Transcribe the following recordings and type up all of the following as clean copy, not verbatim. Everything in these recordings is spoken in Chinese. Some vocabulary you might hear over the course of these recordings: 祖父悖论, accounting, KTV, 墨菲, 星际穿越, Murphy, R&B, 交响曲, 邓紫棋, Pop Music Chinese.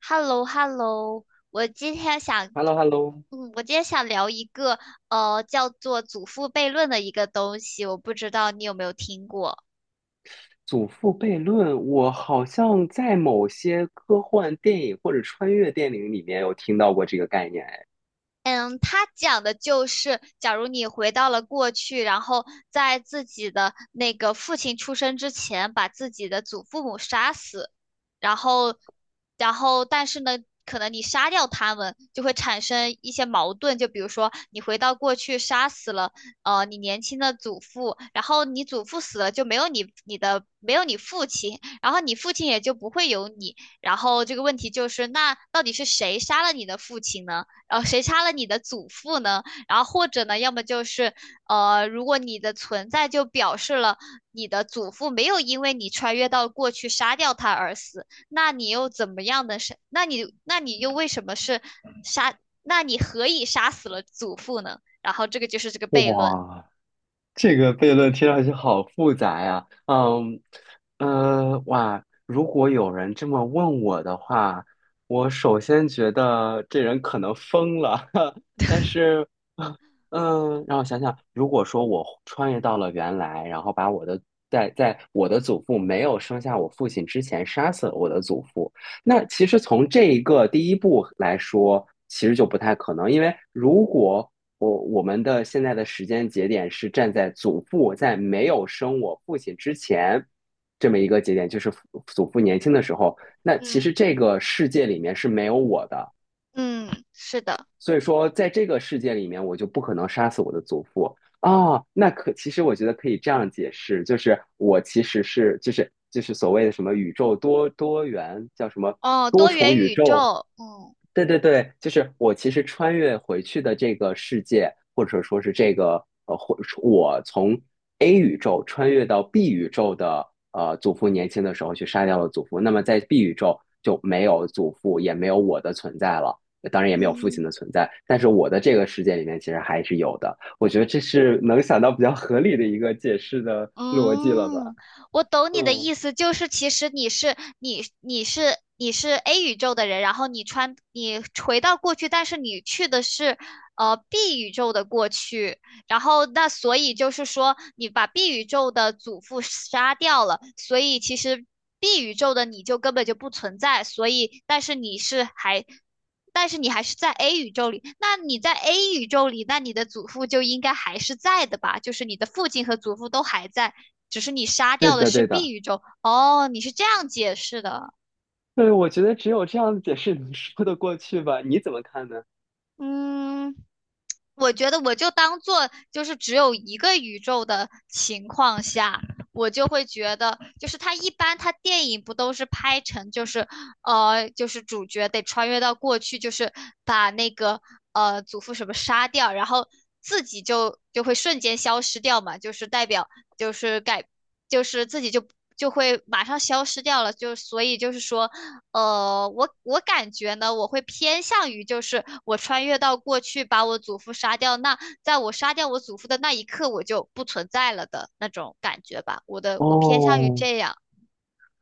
h e l l o h e l l o 我今天想，h e l l o h e l l o 我今天想聊一个叫做祖父悖论的一个东西，我不知道你有没有听过。祖父悖论，我好像在某些科幻电影或者穿越电影里面有听到过这个概念。哎，嗯，它讲的就是，假如你回到了过去，然后在自己的那个父亲出生之前，把自己的祖父母杀死，然后，然后，但是呢，可能你杀掉他们，就会产生一些矛盾。就比如说，你回到过去杀死了，你年轻的祖父，然后你祖父死了，就没有你父亲，然后你父亲也就不会有你。然后这个问题就是，那到底是谁杀了你的父亲呢？然后谁杀了你的祖父呢？然后或者呢，要么就是，如果你的存在就表示了你的祖父没有因为你穿越到过去杀掉他而死。那你又为什么是杀？那你何以杀死了祖父呢？然后这个就是这个悖论。哇，这个悖论听上去好复杂呀，哇，如果有人这么问我的话，我首先觉得这人可能疯了，但是，让我想想，如果说我穿越到了原来，然后把我的在在我的祖父没有生下我父亲之前杀死了我的祖父，那其实从这一个第一步来说，其实就不太可能，因为如果我们的现在的时间节点是站在祖父在没有生我父亲之前这么一个节点，就是祖父年轻的时候。那其嗯实这个世界里面是没有我的，嗯，是的，所以说，在这个世界里面，我就不可能杀死我的祖父啊。哦，那其实我觉得可以这样解释，就是我其实就是所谓的什么宇宙多元叫什么哦，多多重元宇宇宙，宙，嗯对对对，就是我其实穿越回去的这个世界，或者说是这个或我从 A 宇宙穿越到 B 宇宙的祖父年轻的时候去杀掉了祖父，那么在 B 宇宙就没有祖父，也没有我的存在了。当然也没有父嗯。亲的存在，但是我的这个世界里面其实还是有的。我觉得这是能想到比较合理的一个解释的逻辑了吧？嗯，我懂你的嗯，意思，就是其实你是 A 宇宙的人，然后你回到过去，但是你去的是B 宇宙的过去，然后那所以就是说你把 B 宇宙的祖父杀掉了，所以其实 B 宇宙的你就根本就不存在，所以但是你是还但是你还是在 A 宇宙里，那你在 A 宇宙里，那你的祖父就应该还是在的吧？就是你的父亲和祖父都还在，只是你杀对掉的的，是 对 B 的，宇宙。哦，你是这样解释的。对，我觉得只有这样的解释能说得过去吧？你怎么看呢？嗯，我觉得我就当做就是只有一个宇宙的情况下，我就会觉得，就是他一般他电影不都是拍成就是主角得穿越到过去，就是把那个祖父什么杀掉，然后自己就会瞬间消失掉嘛，就是代表就是改就是自己就。就会马上消失掉了，就所以就是说，我感觉呢，我会偏向于就是我穿越到过去把我祖父杀掉那，在我杀掉我祖父的那一刻，我就不存在了的那种感觉吧。我的，我偏向于哦，这样，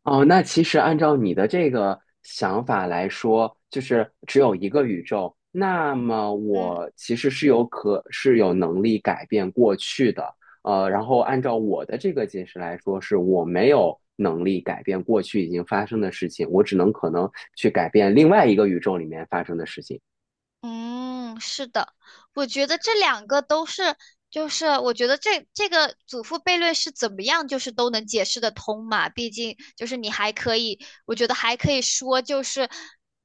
哦，那其实按照你的这个想法来说，就是只有一个宇宙，那么嗯。我其实是是有能力改变过去的。然后按照我的这个解释来说，是我没有能力改变过去已经发生的事情，我只能可能去改变另外一个宇宙里面发生的事情。嗯，是的，我觉得这两个都是，就是我觉得这个祖父悖论是怎么样，就是都能解释得通嘛。毕竟就是你还可以，我觉得还可以说就是，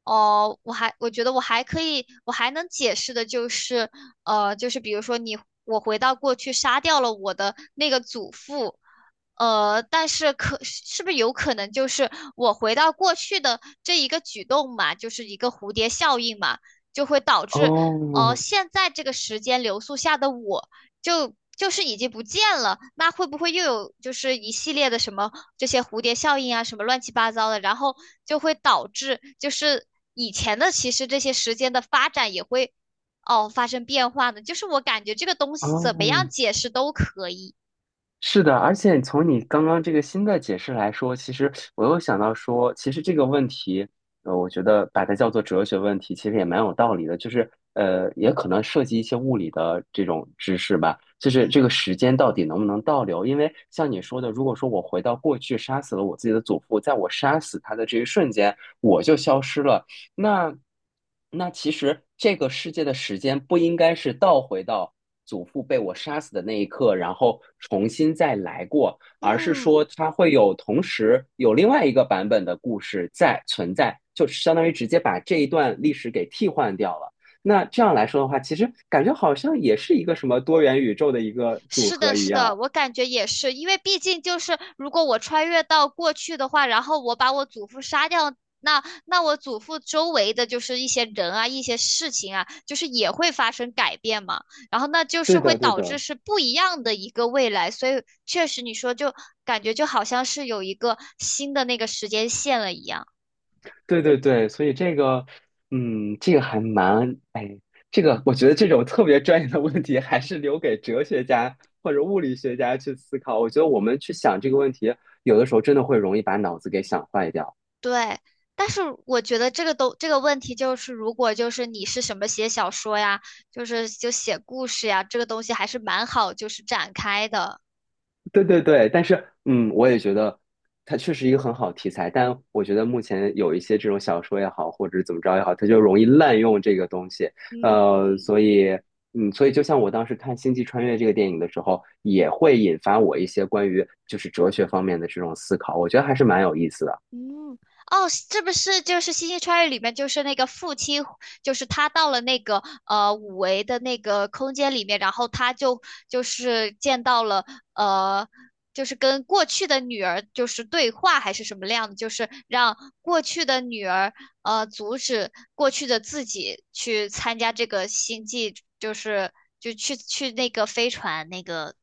哦，我觉得我还可以，我还能解释的就是，就是比如说我回到过去杀掉了我的那个祖父，可是不是有可能就是我回到过去的这一个举动嘛，就是一个蝴蝶效应嘛。就会导致，哦，哦现在这个时间流速下的我就是已经不见了，那会不会又有就是一系列的什么这些蝴蝶效应啊，什么乱七八糟的，然后就会导致就是以前的其实这些时间的发展也会哦发生变化呢？就是我感觉这个东西怎么样哦，解释都可以。是的，而且从你刚刚这个新的解释来说，其实我又想到说，其实这个问题，我觉得把它叫做哲学问题，其实也蛮有道理的。就是，也可能涉及一些物理的这种知识吧。就嗯是这个时间到底能不能倒流？因为像你说的，如果说我回到过去杀死了我自己的祖父，在我杀死他的这一瞬间，我就消失了。那那其实这个世界的时间不应该是倒回到祖父被我杀死的那一刻，然后重新再来过，而是嗯，说它会有同时有另外一个版本的故事在存在，就相当于直接把这一段历史给替换掉了。那这样来说的话，其实感觉好像也是一个什么多元宇宙的一个组是合的，一是的，样。我感觉也是，因为毕竟就是如果我穿越到过去的话，然后我把我祖父杀掉，那我祖父周围的就是一些人啊，一些事情啊，就是也会发生改变嘛，然后那就是对会的，对导致的。是不一样的一个未来，所以确实你说就感觉就好像是有一个新的那个时间线了一样。对对对，所以这个，这个还蛮，哎，这个我觉得这种特别专业的问题，还是留给哲学家或者物理学家去思考。我觉得我们去想这个问题，有的时候真的会容易把脑子给想坏掉。对，但是我觉得这个都这个问题就是，如果就是你是什么写小说呀，就是就写故事呀，这个东西还是蛮好就是展开的。对对对，但是我也觉得它确实一个很好题材，但我觉得目前有一些这种小说也好，或者怎么着也好，它就容易滥用这个东西。嗯。呃，所以所以就像我当时看《星际穿越》这个电影的时候，也会引发我一些关于就是哲学方面的这种思考，我觉得还是蛮有意思的。嗯，哦，是不是就是《星际穿越》里面就是那个父亲，就是他到了那个五维的那个空间里面，然后他就是见到了呃，就是跟过去的女儿就是对话还是什么样的，就是让过去的女儿阻止过去的自己去参加这个星际，就是就去那个飞船那个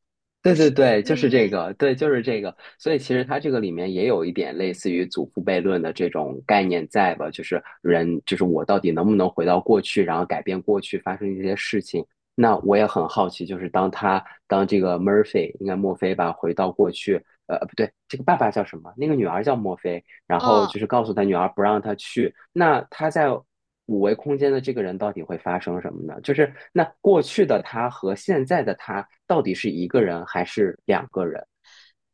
就对是对对，就是这嗯。个，对，就是这个。所以其实它这个里面也有一点类似于祖父悖论的这种概念在吧？就是人，就是我到底能不能回到过去，然后改变过去发生这些事情？那我也很好奇，就是当这个 Murphy，应该墨菲吧，回到过去，不对，这个爸爸叫什么？那个女儿叫墨菲，然后哦，就是告诉他女儿不让他去。那他在五维空间的这个人到底会发生什么呢？就是那过去的他和现在的他到底是一个人还是两个人？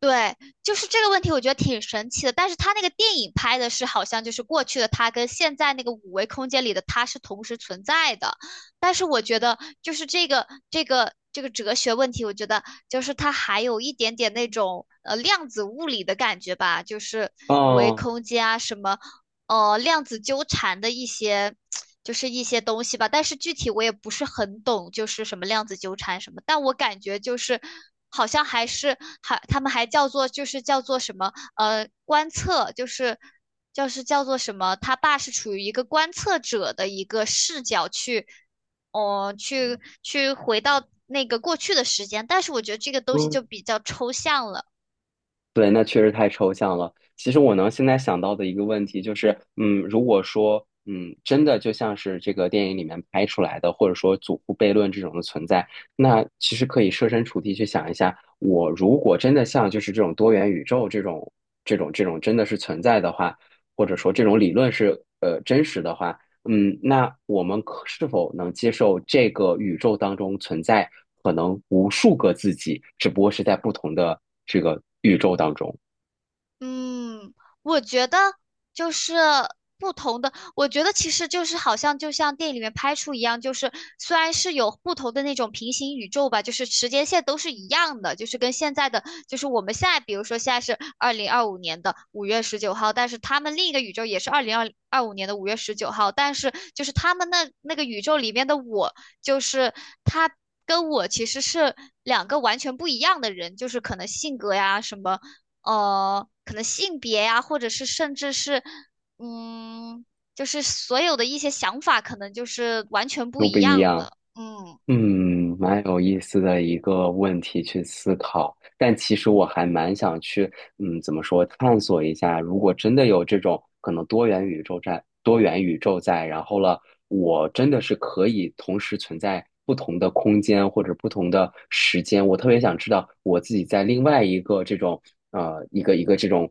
对，就是这个问题，我觉得挺神奇的。但是他那个电影拍的是，好像就是过去的他跟现在那个五维空间里的他是同时存在的。但是我觉得，就是这个哲学问题，我觉得就是它还有一点点那种量子物理的感觉吧，就是五维哦，空间啊，什么量子纠缠的一些，就是一些东西吧。但是具体我也不是很懂，就是什么量子纠缠什么。但我感觉就是好像还是他们还叫做就是叫做什么观测，就是叫做什么，他爸是处于一个观测者的一个视角去，去回到那个过去的时间。但是我觉得这个东西嗯，就比较抽象了。对，那确实太抽象了。其实我能现在想到的一个问题就是，如果说，真的就像是这个电影里面拍出来的，或者说祖父悖论这种的存在，那其实可以设身处地去想一下，我如果真的像就是这种多元宇宙这种真的是存在的话，或者说这种理论是真实的话。那我们是否能接受这个宇宙当中存在可能无数个自己，只不过是在不同的这个宇宙当中，嗯，我觉得就是不同的，我觉得其实就是好像就像电影里面拍出一样，就是虽然是有不同的那种平行宇宙吧，就是时间线都是一样的，就是跟现在的，就是我们现在比如说现在是2025年的五月十九号，但是他们另一个宇宙也是二零二二五年的五月十九号，但是就是他们那个宇宙里面的我，就是他。跟我其实是两个完全不一样的人，就是可能性格呀什么，可能性别呀、或者是甚至是，嗯，就是所有的一些想法，可能就是完全不都一不一样样？的。嗯蛮有意思的一个问题去思考，但其实我还蛮想去，怎么说，探索一下，如果真的有这种可能多元宇宙在，多元宇宙在，然后了，我真的是可以同时存在不同的空间或者不同的时间，我特别想知道我自己在另外一个这种，一个一个这种。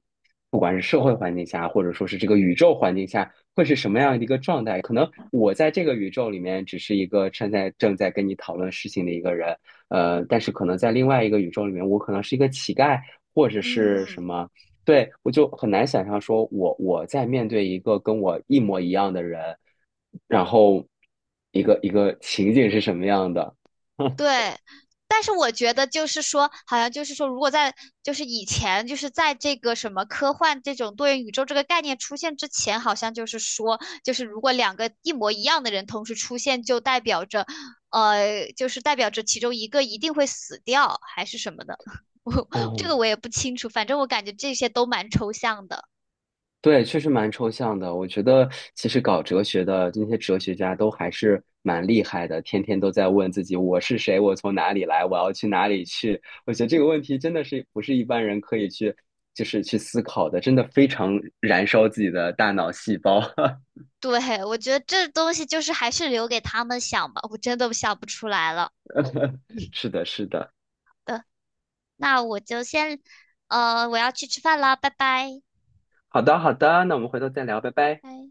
不管是社会环境下，或者说是这个宇宙环境下，会是什么样的一个状态？可能我在这个宇宙里面只是一个正在跟你讨论事情的一个人，但是可能在另外一个宇宙里面，我可能是一个乞丐，或者是什嗯，么。对，我就很难想象说我在面对一个跟我一模一样的人，然后一个一个情景是什么样的。对，但是我觉得就是说，好像就是说，如果在就是以前，就是在这个什么科幻这种多元宇宙这个概念出现之前，好像就是说，就是如果两个一模一样的人同时出现，就代表着，就是代表着其中一个一定会死掉，还是什么的。我这哦，个我也不清楚，反正我感觉这些都蛮抽象的。对，确实蛮抽象的。我觉得其实搞哲学的那些哲学家都还是蛮厉害的，天天都在问自己我是谁，我从哪里来，我要去哪里去。我觉得这个问题真的是不是一般人可以去就是去思考的，真的非常燃烧自己的大脑细胞。对，我觉得这东西就是还是留给他们想吧，我真的想不出来了。嗯 是的，是的。那我就先，我要去吃饭了，拜拜。好的，好的，那我们回头再聊，拜拜。拜。